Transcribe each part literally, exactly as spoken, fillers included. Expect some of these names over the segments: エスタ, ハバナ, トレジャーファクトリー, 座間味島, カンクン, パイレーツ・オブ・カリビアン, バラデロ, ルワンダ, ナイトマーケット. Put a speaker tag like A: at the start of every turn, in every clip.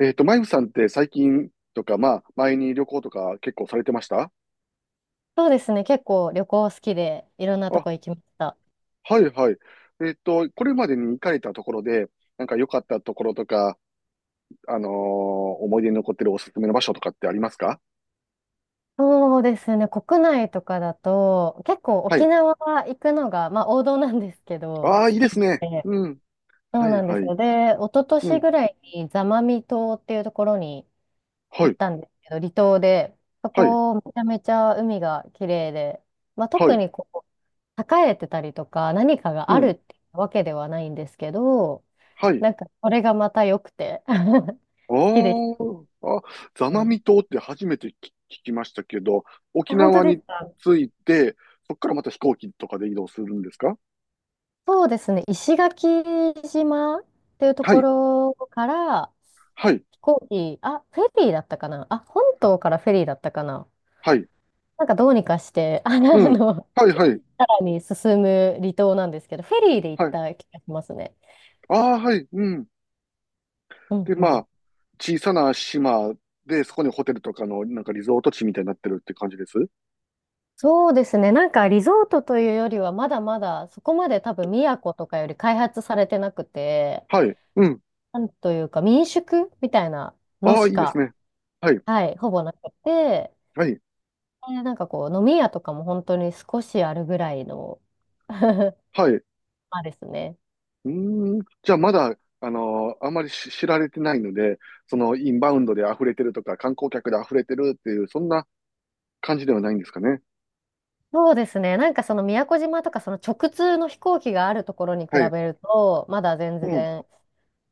A: えっと、マイフさんって最近とか、まあ、前に旅行とか結構されてました？
B: そうですね。結構旅行好きでいろんなと
A: あ、
B: こ行きました。
A: はいはい。えっと、これまでに行かれたところで、なんか良かったところとか、あのー思い出に残ってるおすすめの場所とかってありますか？
B: そうですね。国内とかだと結構
A: は
B: 沖
A: い。
B: 縄行くのが、まあ、王道なんですけど
A: ああ、い
B: 好
A: いで
B: き
A: すね。
B: で。
A: うん。
B: そ
A: は
B: う
A: い
B: なんで
A: は
B: す
A: い。
B: よ。で、一昨
A: う
B: 年
A: ん。
B: ぐらいに座間味島っていうところに
A: は
B: 行っ
A: い。
B: たんですけど、離島で、そ
A: はい。
B: こめちゃめちゃ海が綺麗で、まあ、
A: は
B: 特
A: い。
B: にこう栄えてたりとか何かが
A: う
B: ある
A: ん。
B: ってわけではないんですけど、
A: はい。
B: なんかそれがまた良くて 好きでし
A: ああ、あ、座間
B: た。
A: 味島って初めて聞聞きましたけど、
B: え、
A: 沖
B: 本
A: 縄
B: 当で
A: に
B: すか？
A: 着いて、そこからまた飛行機とかで移動するんですか？
B: そうですね、石垣島っていうと
A: は
B: こ
A: い。
B: ろから
A: はい。
B: 飛行機、あ、フェリーだったかなあ、本島からフェリーだったかな、
A: はい。
B: なんかどうにかして、あの、あ
A: うん。
B: の
A: はいはい。
B: さらに進む離島なんですけど、フェリーで行っ
A: はい。
B: た気がしますね。
A: ああ、はい。うん。
B: うん
A: で、
B: う
A: ま
B: ん。
A: あ、小さな島で、そこにホテルとかの、なんかリゾート地みたいになってるって感じです。
B: そうですね、なんかリゾートというよりは、まだまだそこまで多分宮古とかより開発されてなくて、
A: はい。うん。
B: なんというか民宿みたいなの
A: ああ、い
B: し
A: いです
B: か、
A: ね。はい。
B: はい、ほぼなくて、
A: はい。
B: ね、なんかこう、飲み屋とかも本当に少しあるぐらいの ま
A: はい。う
B: あですね。
A: ーん。じゃあ、まだ、あのーあまりし知られてないので、その、インバウンドで溢れてるとか、観光客で溢れてるっていう、そんな感じではないんですかね。
B: そうですね。なんかその宮古島とかその直通の飛行機があるところに比
A: はい。
B: べると、まだ全
A: うん。
B: 然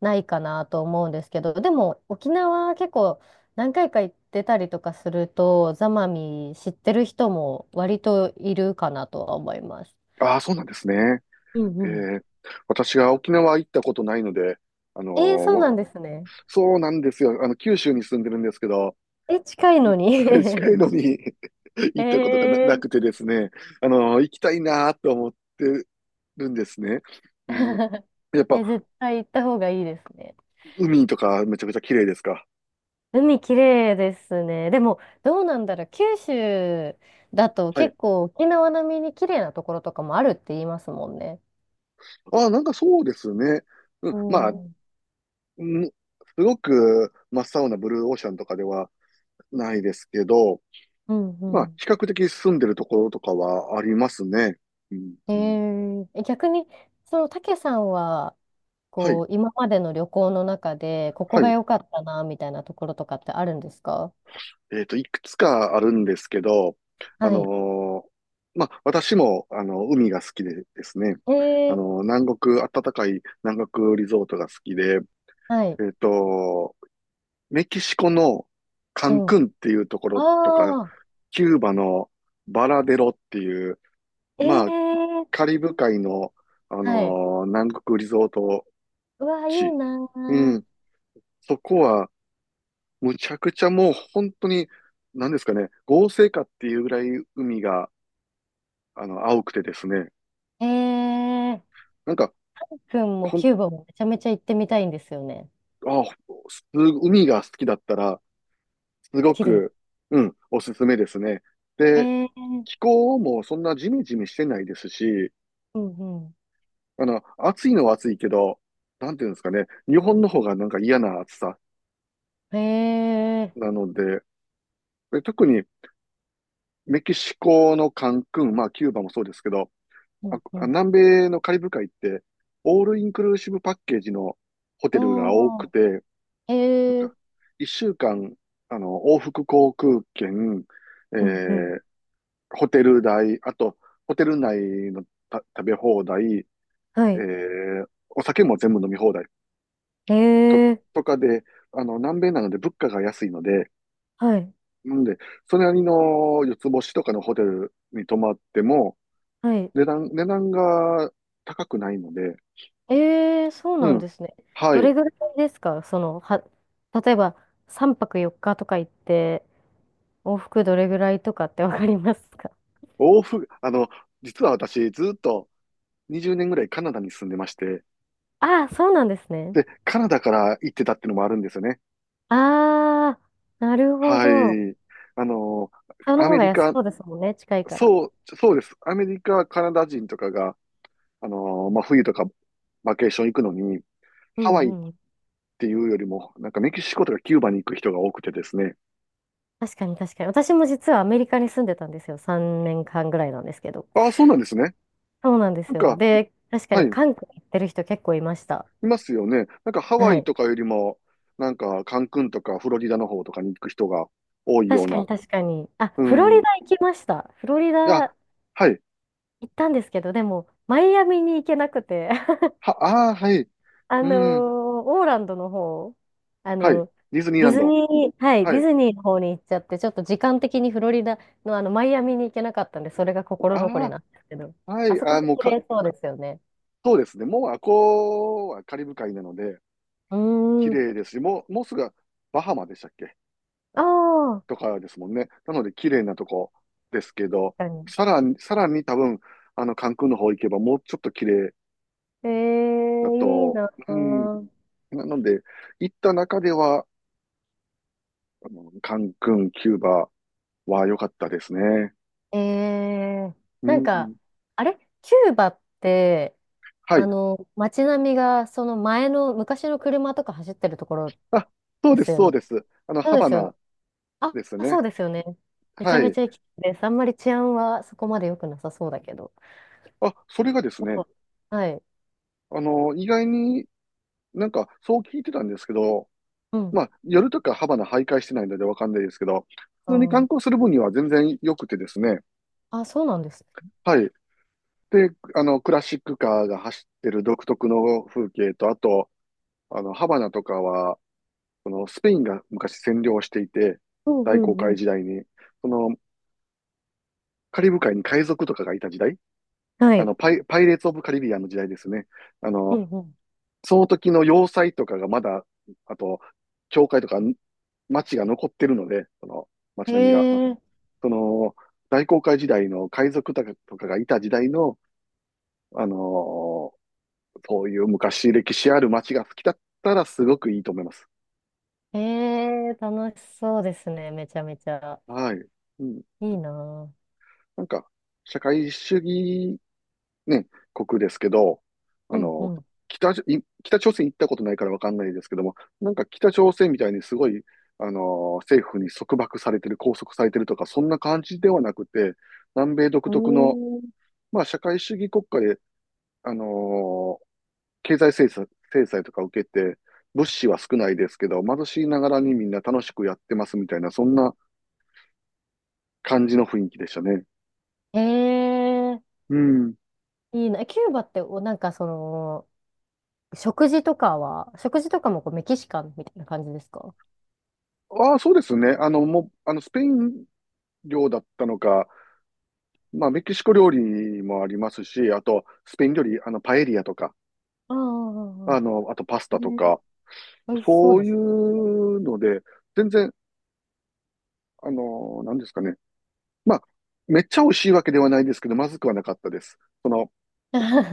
B: ないかなと思うんですけど、でも沖縄結構何回か行ってたりとかすると、ザマミ知ってる人も割といるかなとは思います。
A: ああ、そうなんですね。
B: うん
A: え
B: うん。
A: ー、私が沖縄行ったことないので、あのー
B: えー、そう
A: わ
B: なんですね。
A: そうなんですよ。あの、九州に住んでるんですけど、
B: え、近いのに。
A: はい、近いのに 行 ったことがな、
B: え
A: なくて
B: ー。
A: ですね、あの、行きたいなと思ってるんですね。うん、やっぱ、
B: え、絶対行った方がいいですね。
A: 海とかめちゃくちゃ綺麗ですか？
B: 海綺麗ですね。でも、どうなんだろう。九州だと
A: はい。
B: 結構沖縄並みに綺麗なところとかもあるって言いますもんね。
A: ああ、なんかそうですね。うん、
B: う
A: まあ、
B: ん。うん
A: うん、すごく真っ青なブルーオーシャンとかではないですけど、
B: う
A: まあ、
B: ん。
A: 比較的住んでるところとかはありますね。うん、
B: うん、えー、逆に、その、たけさんは、
A: はい。
B: こう、今までの旅行の中で、ここ
A: は
B: が
A: い。
B: 良かったな、みたいなところとかってあるんですか？
A: えっと、いくつかあるんですけど、あ
B: はい。
A: のーまあ、私も、あの、海が好きでですね、
B: え
A: あ
B: ー、
A: の、南国、暖かい南国リゾートが好きで、
B: はい。
A: えっと、メキシコのカン
B: うん。
A: クンっていうところとか、
B: ああ、
A: キューバのバラデロっていう、
B: え
A: まあ、
B: ー、
A: カリブ海の、あの
B: はい。
A: ー南国リゾート
B: うわ、いい
A: 地。
B: な
A: うん、
B: ー。
A: そこは、むちゃくちゃもう本当に、なんですかね、合成かっていうぐらい海が、あの、青くてですね。
B: えー、
A: なんか、
B: くんも
A: ほん、
B: キューバもめちゃめちゃ行ってみたいんですよね。
A: あ、す、海が好きだったら、すご
B: 綺麗。
A: く、うん、おすすめですね。
B: え
A: で、
B: ー、
A: 気候もそんなジメジメしてないですし、
B: うんう
A: あの、暑いのは暑いけど、なんていうんですかね、日本の方がなんか嫌な暑さ
B: ん。えー、
A: なので、で特にメキシコのカンクン、まあキューバもそうですけど、
B: うんう
A: あ、
B: ん。
A: 南米のカリブ海って、オールインクルーシブパッケージのホ
B: あ
A: テルが多く
B: ー、
A: て、なん
B: えー、
A: か、いっしゅうかん、あの、往復航空券、え
B: うんうん。
A: ーホテル代、あと、ホテル内のた食べ放題、え
B: はい。
A: ーお酒も全部飲み放題
B: え
A: と、
B: ー、
A: とかで、あの、南米なので物価が安いので、
B: はい、
A: なんで、それなりのよつぼしとかのホテルに泊まっても、
B: はい。
A: 値段、値段が高くないので、
B: えー、そう
A: う
B: なん
A: ん。
B: ですね。
A: は
B: ど
A: い。
B: れぐらいですか、その、は、例えばさんぱくよっかとか行って、往復どれぐらいとかってわかりますか？
A: 往復、あの、実は私、ずっとにじゅうねんぐらいカナダに住んでまして、
B: ああー、そうなんですね。
A: で、カナダから行ってたっていうのもあるんですよね。
B: ああ、なるほ
A: は
B: ど。
A: い。あの、
B: その
A: ア
B: 方
A: メ
B: が
A: リ
B: 安
A: カ、
B: そうですもんね、近いから。
A: そう、そうです。アメリカ、カナダ人とかが、あの、まあ、冬とかバケーション行くのに、
B: う
A: ハワイっ
B: んうん。
A: ていうよりも、なんかメキシコとかキューバに行く人が多くてですね。
B: 確かに確かに。私も実はアメリカに住んでたんですよ。さんねんかんぐらいなんですけど。
A: ああ、そうなんですね。
B: そうなんで
A: な
B: す
A: ん
B: よ。
A: か、
B: で、確か
A: はい、
B: に
A: い
B: 韓国行ってる人結構いました。
A: ますよね。なんかハワ
B: は
A: イ
B: い。
A: とかよりも、なんかカンクンとかフロリダの方とかに行く人が多いよ
B: 確
A: う
B: か
A: な。
B: に確かに。あ、
A: う
B: フロ
A: ん。
B: リ
A: い
B: ダ行きました。フロリ
A: や、
B: ダ
A: はい。
B: 行ったんですけど、でも、マイアミに行けなくて、
A: は、ああ、はい。
B: あ
A: う
B: のー
A: ん。
B: オーランドの方、あ
A: はい。
B: の、
A: ディズニー
B: デ
A: ラ
B: ィ
A: ン
B: ズ
A: ド。
B: ニー、はい、デ
A: は
B: ィ
A: い。
B: ズニーの方に行っちゃって、ちょっと時間的にフロリダのあの、マイアミに行けなかったんで、それが心残
A: あ
B: りなんですけど、
A: あ、は
B: あ
A: い、
B: そこ
A: あー
B: も
A: もう
B: 綺
A: か、
B: 麗そうですよね。
A: そうですね。もう、あこうはカリブ海なので、
B: うー
A: 綺麗
B: ん。
A: ですし、もう、もうすぐバハマでしたっけ、
B: ああ、
A: とかですもんね。なので、綺麗なとこですけど、
B: 確かに。
A: さらに、さらに多分、あの、カンクンの方行けば、もうちょっと綺麗
B: え
A: だ
B: え、いい
A: と、
B: な
A: うん、
B: ぁ。
A: なので、行った中では、あのカンクン、キューバは良かったですね。
B: ええ、
A: う
B: なんか、
A: ん、
B: あれキューバって、
A: は
B: あ
A: い。
B: の、街並みが、その前の、昔の車とか走ってるところ
A: あ、そう
B: で
A: で
B: す
A: す、
B: よ
A: そう
B: ね。
A: です。あの、
B: そう
A: ハ
B: で
A: バ
B: すよね。
A: ナ
B: あ、
A: です
B: そ
A: ね。
B: うですよね。めちゃ
A: は
B: めち
A: い。
B: ゃ行きたいです。あんまり治安はそこまで良くなさそうだけど。
A: あ、それがです
B: う
A: ね、
B: ん、はい。
A: あの、意外になんか、そう聞いてたんですけど、
B: うん。
A: まあ、夜とかハバナ徘徊してないのでわかんないですけど、
B: あ
A: 普通に観
B: ー、
A: 光する分には全然良くてですね、
B: あ、そうなんですね。
A: はい。で、あの、クラシックカーが走ってる独特の風景と、あと、あの、ハバナとかは、このスペインが昔占領していて、
B: うんう
A: 大航
B: んう
A: 海
B: ん。
A: 時代に、その、カリブ海に海賊とかがいた時代、
B: は
A: あ
B: い。
A: の、パイ、パイレーツ・オブ・カリビアンの時代ですね。あ
B: う
A: の、
B: んうん。
A: その時の要塞とかがまだ、あと、教会とか町が残ってるので、その
B: え
A: 町並みが。
B: え、
A: その、大航海時代の海賊とかとかがいた時代の、あのーそういう昔歴史ある町が好きだったらすごくいいと思います。
B: ええ、楽しそうですね。めちゃめちゃ。
A: はい。うん。
B: いいなぁ。
A: なんか、社会主義ね、国ですけど、
B: う
A: あ
B: んう
A: の、
B: ん。
A: 北朝、い北朝鮮行ったことないからわかんないですけども、なんか北朝鮮みたいにすごい、あの、政府に束縛されてる、拘束されてるとか、そんな感じではなくて、南米独
B: う
A: 特の、
B: ーん。
A: まあ、社会主義国家で、あの、経済制裁、制裁とか受けて、物資は少ないですけど、貧しいながらにみんな楽しくやってますみたいな、そんな感じの雰囲気でしたね。
B: ええ、
A: うん。
B: いいな。え、キューバってお、なんかその、食事とかは、食事とかもこうメキシカンみたいな感じですか？
A: ああ、そうですね。あの、もう、あの、スペイン領だったのか、まあ、メキシコ料理もありますし、あと、スペイン料理、あの、パエリアとか、
B: ああ、
A: あ
B: あ
A: の、あとパス
B: あ、ええ
A: タと
B: ー、
A: か、
B: 美味しそう
A: そ
B: で
A: うい
B: す。
A: うので、全然、あの、なんですかね。まあ、めっちゃ美味しいわけではないですけど、まずくはなかったです。その、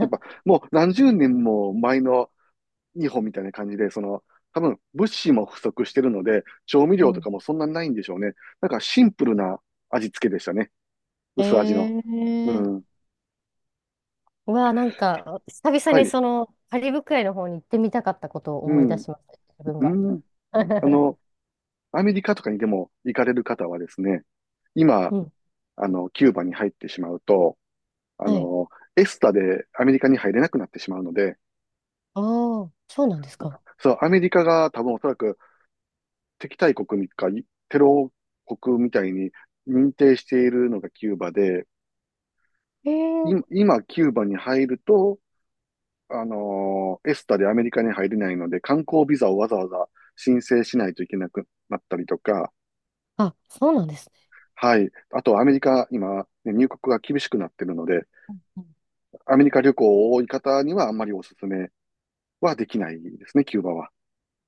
A: やっぱ、もうなんじゅうねんも前の日本みたいな感じで、その、多分、物資も不足してるので、調味
B: う
A: 料と
B: ん。
A: かも そんなにないんでしょうね。なんか、シンプルな味付けでしたね。
B: え
A: 薄味の。う
B: え
A: ん。
B: ー、うわあ、なんか、久々
A: は
B: に
A: い。
B: その、カリブ海の方に行ってみたかったことを
A: う
B: 思い出
A: ん。
B: しました、自分
A: う
B: が。
A: ん。あ の、アメリカとかにでも行かれる方はですね、今、
B: うん。
A: あの、キューバに入ってしまうと、あ
B: はい。
A: の、エスタでアメリカに入れなくなってしまうので、
B: ああ、そうなんですか。
A: そう、アメリカが多分おそらく敵対国か、テロ国みたいに認定しているのがキューバで、
B: ええ
A: い
B: ー、
A: 今、キューバに入ると、あのーエスタでアメリカに入れないので、観光ビザをわざわざ申請しないといけなくなったりとか、
B: あ、そうなんですね。
A: はい。あと、アメリカ、今、ね入国が厳しくなってるので、アメリカ旅行を多い方にはあんまりお勧めはできないですね、キューバは。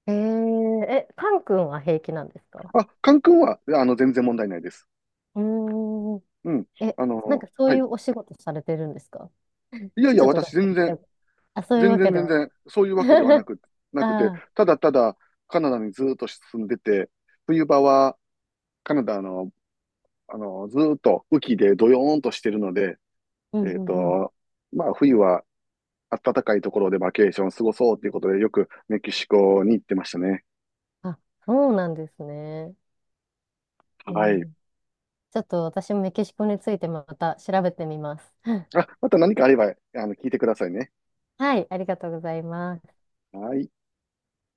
B: えー、え、カン君は平気なんですか？
A: あ、カン君は、あの、全然問題ないです。
B: うーん。
A: うん。
B: え、
A: あ
B: なん
A: の、
B: かそう
A: は
B: い
A: い。
B: うお仕事されてるんですか？
A: いやい
B: ち
A: や、
B: ょっと
A: 私
B: だ
A: 全然、
B: け。あ、そういう
A: 全
B: わ
A: 然
B: けで
A: 全
B: は
A: 然、そういうわけでは
B: な
A: な
B: い。
A: く、なく
B: あ
A: て、
B: あ、
A: ただただカナダにずっと住んでて、冬場はカナダの、あの、ずっと雨季でドヨーンとしてるので、
B: うん
A: えっ
B: うんうん。
A: と、まあ、冬は暖かいところでバケーション過ごそうということで、よくメキシコに行ってましたね。
B: あ、そうなんですね。う
A: はい。
B: ん、ちょっと私もメキシコについてまた調べてみます。
A: あ、また何かあれば、あの、聞いてくださいね。
B: はい、ありがとうございます。
A: はい。